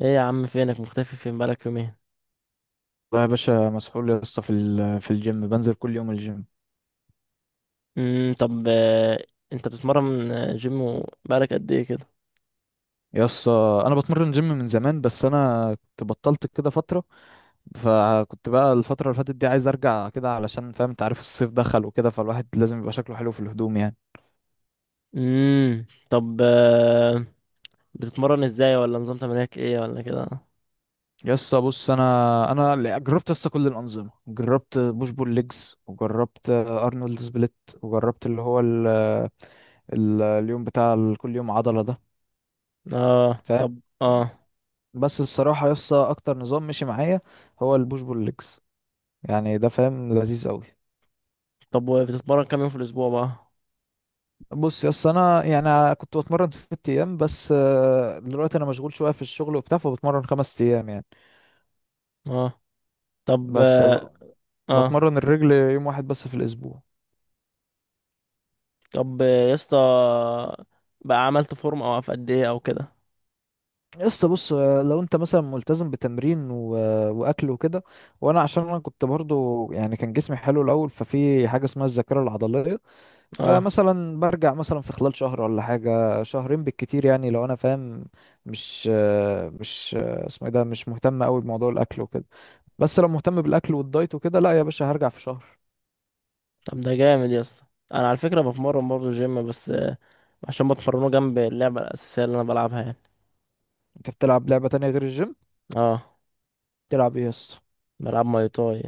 ايه يا عم، فينك مختفي؟ فين بقالك يومين؟ والله يا باشا مسحول يا اسطى، في الجيم، بنزل كل يوم الجيم. طب آه. انت بتتمرن آه، جيم و- بقالك قد ايه كده؟ يا اسطى، انا بتمرن جيم من زمان، بس انا كنت بطلت كده فتره. فكنت بقى الفتره اللي فاتت دي عايز ارجع كده، علشان فاهم، انت عارف الصيف دخل وكده، فالواحد لازم يبقى شكله حلو في الهدوم يعني. طب آه. بتتمرن ازاي؟ ولا نظام تمرينك ايه ولا كده؟ يا اسطى بص، انا جربت يا اسطى كل الانظمه، جربت بوش بول ليجز وجربت ارنولد سبليت. وجربت اللي هو اليوم بتاع كل يوم عضله ده، اه فاهم. طب اه. بس الصراحة يسا، أكتر نظام مشي معايا هو البوش بول ليجز، يعني ده فاهم لذيذ أوي. طب بتتمرن كام يوم في الاسبوع بقى؟ بص يسا، أنا يعني كنت بتمرن 6 أيام، بس دلوقتي أنا مشغول شوية في الشغل وبتاع، فبتمرن 5 أيام يعني. اه طب بس اه. آه، بتمرن الرجل يوم واحد بس في الأسبوع. طب آه، يا اسطى، بقى عملت فورم او في قد ايه او كده؟ يسا بص، لو أنت مثلا ملتزم بتمرين وأكل وكده. وأنا عشان أنا كنت برضو، يعني كان جسمي حلو الأول، ففي حاجة اسمها الذاكرة العضلية. اه فمثلا برجع مثلا في خلال شهر ولا حاجة شهرين بالكتير، يعني لو انا فاهم. مش اسمه ايه ده، مش مهتم قوي بموضوع الاكل وكده. بس لو مهتم بالاكل والدايت وكده، لا يا باشا، هرجع في شهر. طب ده جامد يا اسطى. انا على فكره بتمرن برضه جيم بس عشان بتمرنه جنب اللعبه الاساسيه اللي انا بلعبها يعني. انت بتلعب لعبة تانية غير الجيم؟ اه، بتلعب ايه يس؟ بلعب ماي تاي.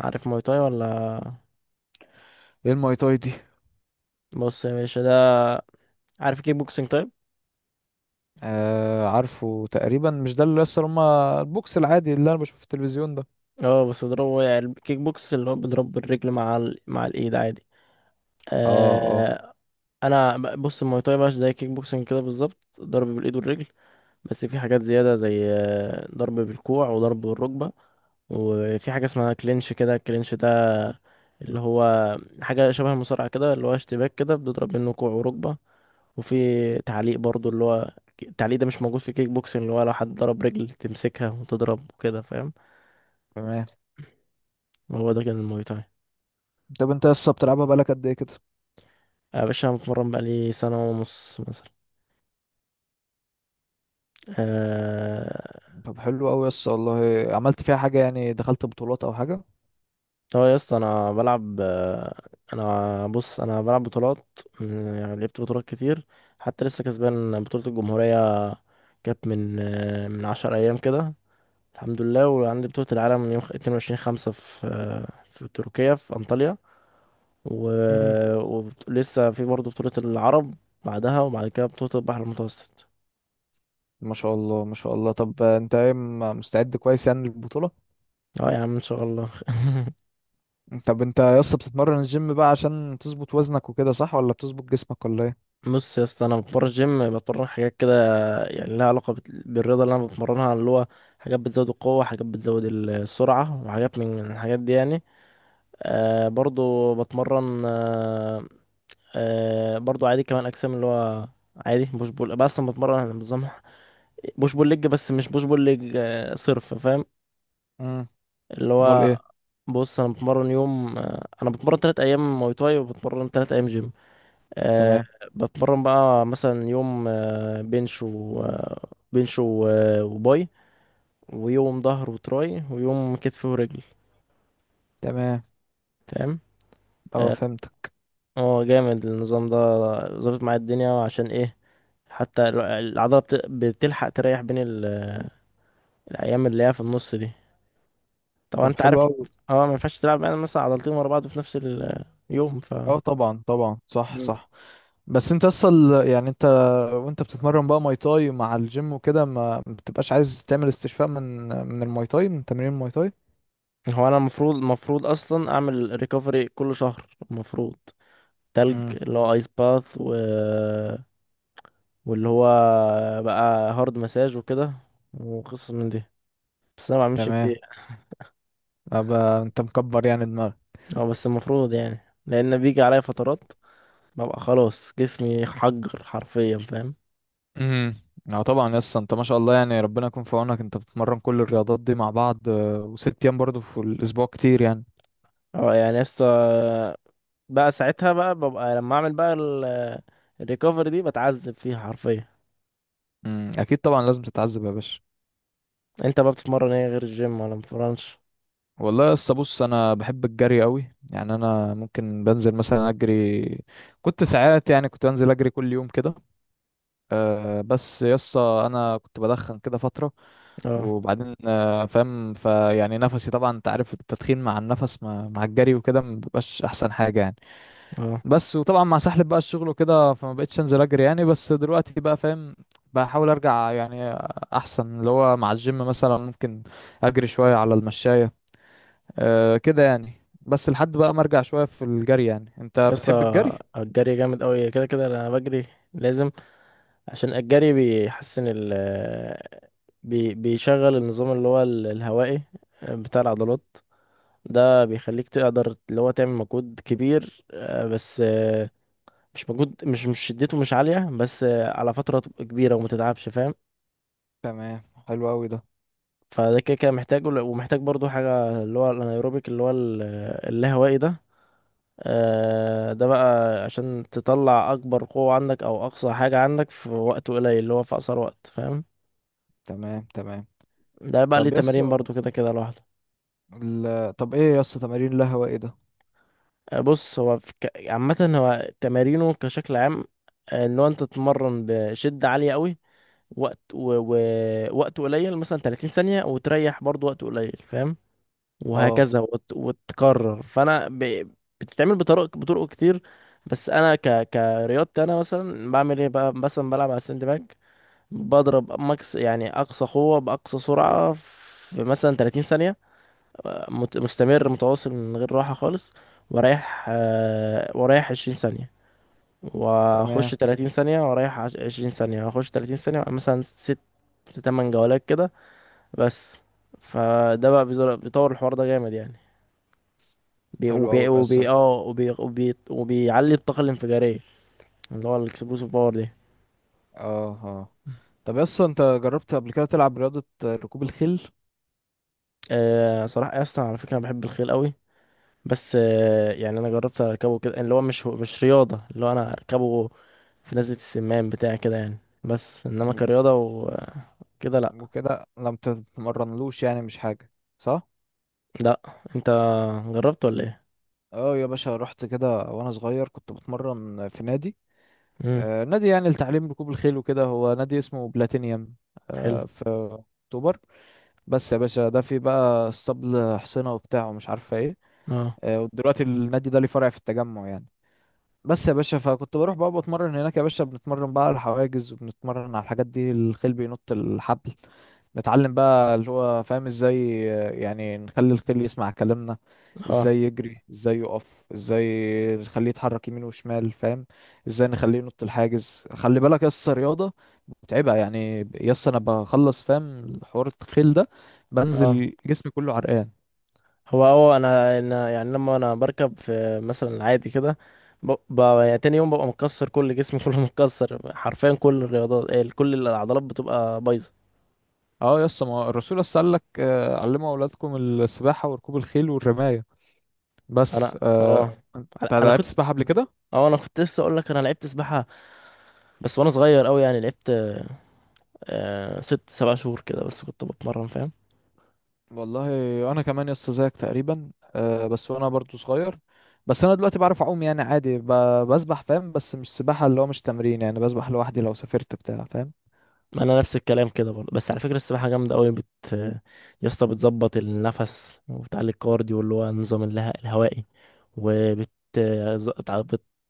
عارف ماي تاي ولا؟ ايه الماي تاي دي؟ بص يا باشا ده، عارف كيك بوكسينج طيب؟ آه، عارفه تقريبا، مش ده اللي يس هما البوكس العادي اللي انا بشوفه في التلفزيون ده؟ اه بس بضربه، يعني الكيك بوكس اللي هو بضرب بالرجل مع مع الايد عادي. اه، اه، آه. بص الماي تاي بقى زي كيك بوكسينج كده بالظبط، ضرب بالايد والرجل. بس في حاجات زياده، زي ضرب بالكوع وضرب بالركبه. وفي حاجه اسمها كلينش كده، الكلينش ده اللي هو حاجه شبه المصارعه كده، اللي هو اشتباك كده بتضرب منه كوع وركبه. وفي تعليق برضو، اللي هو التعليق ده مش موجود في كيك بوكسنج، اللي هو لو حد ضرب رجل تمسكها وتضرب وكده فاهم. تمام. هو ده كان الموي تاي. طب انت يس بتلعبها بقالك قد ايه كده؟ يا باشا أنا بتمرن بقالي سنة ونص مثلا. آه. طب حلو قوي يس، والله عملت فيها حاجة يعني؟ دخلت بطولات او حاجة؟ هو يا اسطى أنا بلعب آه، أنا بص، أنا بلعب بطولات م- يعني لعبت بطولات كتير. حتى لسه كسبان بطولة الجمهورية، كانت من من 10 أيام كده، الحمد لله. وعندي بطولة العالم من يوم 22/5 في في تركيا في أنطاليا. و... ولسه في برضه بطولة العرب بعدها، وبعد كده بطولة البحر المتوسط. ما شاء الله ما شاء الله. طب انت ايه، مستعد كويس يعني للبطولة؟ اه يا عم ان شاء الله. طب انت يا اسطى بتتمرن الجيم بقى عشان تظبط وزنك وكده، صح؟ ولا بتظبط جسمك ولا ايه؟ بص يا اسطى، انا بتمرن جيم، بتمرن حاجات كده يعني لها علاقة بالرياضة اللي انا بتمرنها، اللي هو حاجات بتزود القوة، حاجات بتزود السرعة، وحاجات من الحاجات دي يعني. آه برضو بتمرن آه، آه برضو عادي كمان اجسام، اللي هو عادي بوش بول، بس انا بتمرن على نظام بوش بول ليج. بس مش بوش بول ليج آه صرف فاهم. امم. اللي امال هو، ايه؟ بص انا بتمرن يوم آه، انا بتمرن تلات ايام مواي تاي وبتمرن تلات ايام جيم. أه. تمام، بتمرن بقى مثلا يوم آه، بنش و آه، بنش و- آه، وباي، ويوم ظهر وتراي، ويوم كتف ورجل. تمام. تمام. اه اه. فهمتك. آه، جامد النظام ده. ظابط معايا الدنيا، عشان ايه؟ حتى العضلة بتلحق تريح بين الأيام اللي هي في النص دي. طبعا طب أنت حلو عارف، قوي. اه، ما ينفعش تلعب يعني مثلا عضلتين ورا بعض في نفس اليوم ف... اه طبعا طبعا، صح صح. بس انت اصلا يعني انت، وانت بتتمرن بقى ماي تاي مع الجيم وكده، ما بتبقاش عايز تعمل استشفاء من الماي تاي، من تمرين الماي تاي؟ هو انا المفروض، اصلا اعمل ريكفري كل شهر المفروض. تلج امم. اللي هو ايس باث واللي هو بقى هارد مساج وكده، وقصص من دي، بس انا ما بعملش تمام، كتير. ابقى انت مكبر يعني دماغك. اه بس المفروض يعني، لان بيجي عليا فترات ببقى خلاص جسمي حجر حرفيا فاهم. امم. اه طبعا يس، انت ما شاء الله يعني، ربنا يكون في عونك. انت بتتمرن كل الرياضات دي مع بعض، وست ايام برضه في الاسبوع، كتير يعني. اه يعني يا اسطى، بقى ساعتها بقى ببقى لما اعمل بقى الريكفري دي بتعذب فيها حرفيا. امم، اكيد طبعا، لازم تتعذب يا باشا. انت بقى بتتمرن ايه غير الجيم ولا مبتتمرنش؟ والله يس، بص انا بحب الجري قوي يعني. انا ممكن بنزل مثلا اجري. كنت ساعات يعني، كنت بنزل اجري كل يوم كده. بس يس، انا كنت بدخن كده فترة. اه وبعدين فاهم، فيعني نفسي طبعا انت عارف، التدخين مع النفس مع الجري وكده مبيبقاش احسن حاجة يعني. اه. بس وطبعا، مع سحلب بقى الشغل وكده، فما بقتش انزل اجري يعني. بس دلوقتي بقى فاهم، بحاول ارجع يعني. احسن اللي هو مع الجيم مثلا، ممكن اجري شوية على المشاية، أه كده يعني. بس لحد بقى ما ارجع شوية في الجري يعني. انت بتحب الجري؟ يسطا الجري جامد قوي، كده كده انا بجري، لازم. عشان الجري بيحسن ال بي بيشغل النظام اللي هو الهوائي، آه، بتاع العضلات. ده بيخليك تقدر اللي هو تعمل مجهود كبير، آه، بس آه، مش مجهود، مش شدته مش عالية، بس آه، على فترة تبقى كبيرة وما تتعبش فاهم. تمام. حلو قوي ده. فده كده كده محتاجه، ومحتاج برضو حاجة اللي هو الانايروبيك اللي هو اللاهوائي ده. آه، ده بقى عشان تطلع اكبر قوة عندك او اقصى حاجة عندك في وقت قليل، اللي هو في اقصر وقت فاهم. تمام، تمام. ده بقى ليه طب يس تمارين برضو كده كده لوحده. طب ايه يس، تمارين القهوة ايه ده؟ آه، بص هو في عامة هو تمارينه كشكل عام، آه، ان هو انت تتمرن بشدة عالية قوي، وقت و... و... وقت قليل، مثلا 30 ثانية، وتريح برضو وقت قليل فاهم، اه، وهكذا وتكرر. بتتعمل بطرق، بطرق كتير. بس انا كرياضتي انا مثلا بعمل ايه بقى؟ مثلا بلعب على الساند باج، بضرب ماكس، يعني اقصى قوة باقصى سرعة في مثلا 30 ثانية، مستمر متواصل من غير راحة خالص. ورايح ورايح 20 ثانية، واخش تمام. 30 ثانية، ورايح 20 ثانية، واخش 30 ثانية، مثلا ست تمن جولات كده بس. فده بقى بيطور الحوار ده جامد يعني. بي حلو وبي قوي يس، وبي اه. اه وبي وبي وبيعلي الطاقة الانفجارية، اللي هو الاكسبلوسيف باور دي. اه. طب يس، انت جربت قبل كده تلعب رياضة ركوب الخيل؟ آه، صراحة اصلا على فكرة، أنا بحب الخيل قوي. بس آه، يعني انا جربت اركبه كده، اللي هو مش رياضه، اللي هو انا اركبه في نزله السمان بتاع كده يعني. بس انما كرياضه وكده، لا. وكده، لما تتمرنلوش يعني مش حاجة، صح؟ لا. انت جربت ولا ايه؟ اه يا باشا، رحت كده وانا صغير، كنت بتمرن في نادي. امم. آه نادي، يعني لتعليم ركوب الخيل وكده. هو نادي اسمه بلاتينيوم. حلو. آه، في اكتوبر. بس يا باشا ده فيه بقى اسطبل حصينة وبتاع، ومش عارفة ايه. اه آه، ودلوقتي النادي ده ليه فرع في التجمع يعني. بس يا باشا، فكنت بروح بقى بتمرن هناك يا باشا. بنتمرن بقى على الحواجز، وبنتمرن على الحاجات دي، الخيل بينط الحبل. نتعلم بقى اللي هو فاهم ازاي، يعني نخلي الخيل يسمع كلامنا. اه ازاي يجري، ازاي يقف، ازاي نخليه يتحرك يمين وشمال، فاهم. ازاي نخليه ينط الحاجز. خلي بالك يس، رياضة متعبة يعني يس. انا بخلص فاهم حوار الخيل ده، اه. بنزل جسمي كله عرقان. هو اه، انا يعني لما انا بركب في مثلا عادي كده، يعني تاني يوم ببقى مكسر كل جسمي كله متكسر حرفيا، كل الرياضات إيه، كل العضلات بتبقى بايظه. اه يس، ما الرسول يس قال لك علموا اولادكم السباحة وركوب الخيل والرماية. انا بس اه، انت انا لعبت كنت سباحة قبل كده؟ اه انا كنت لسه اقول لك انا لعبت سباحه. بس وانا صغير قوي، يعني لعبت 6 7 شهور كده، بس كنت بتمرن فاهم. والله انا كمان يا اسطى زيك تقريبا، أه. بس وانا برضو صغير. بس انا دلوقتي بعرف اعوم يعني، عادي بسبح فاهم. بس مش سباحه، اللي هو مش تمرين يعني، بسبح لوحدي لو سافرت بتاع، فاهم. انا نفس الكلام كده برضه. بس على فكره، السباحه جامده قوي بت يا اسطى بتظبط النفس، وبتعلي الكارديو اللي هو النظام الهوائي، وبت ز- تع-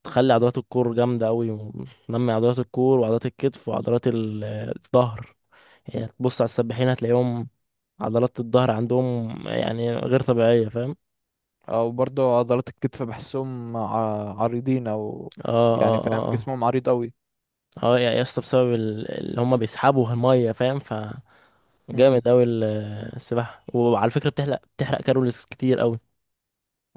بتخلي عضلات الكور جامده قوي، وتنمي عضلات الكور وعضلات الكتف وعضلات الظهر. يعني تبص على السباحين هتلاقيهم عضلات الظهر عندهم يعني غير طبيعيه فاهم. او برضو عضلات الكتف بحسهم عريضين او. اه يعني اه اه. فاهم، آه. جسمهم عريض قوي. اه يا اسطى، بسبب اللي هم بيسحبوا الميه فاهم، فجامد امم اوي السباحه. وعلى فكره بتحرق، بتحرق كالوريز كتير اوي.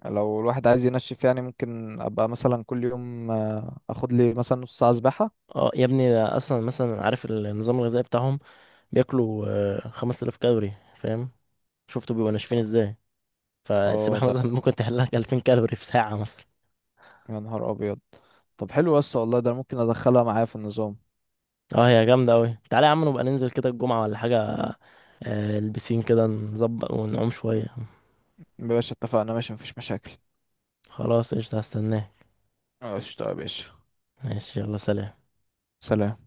لو الواحد عايز ينشف يعني، ممكن ابقى مثلا كل يوم اخد لي مثلا نص ساعه سباحه. اه يا ابني، ده اصلا مثلا عارف النظام الغذائي بتاعهم؟ بياكلوا 5000 كالوري فاهم، شفتوا بيبقوا ناشفين ازاي. اه فالسباحه ده، مثلا ممكن تحرق لك 2000 كالوري في ساعه مثلا. يا نهار ابيض. طب حلو يا اسطى، والله ده أنا ممكن ادخلها معايا في النظام. اه هي جامده اوي. تعالى يا عم نبقى ننزل كده الجمعه ولا حاجه، آه، البسين كده نظبط ونعوم شويه. يا باشا اتفقنا، ماشي، مفيش مشاكل. خلاص قشطه هستناه. قشطة يا باشا. ماشي يلا سلام. سلام.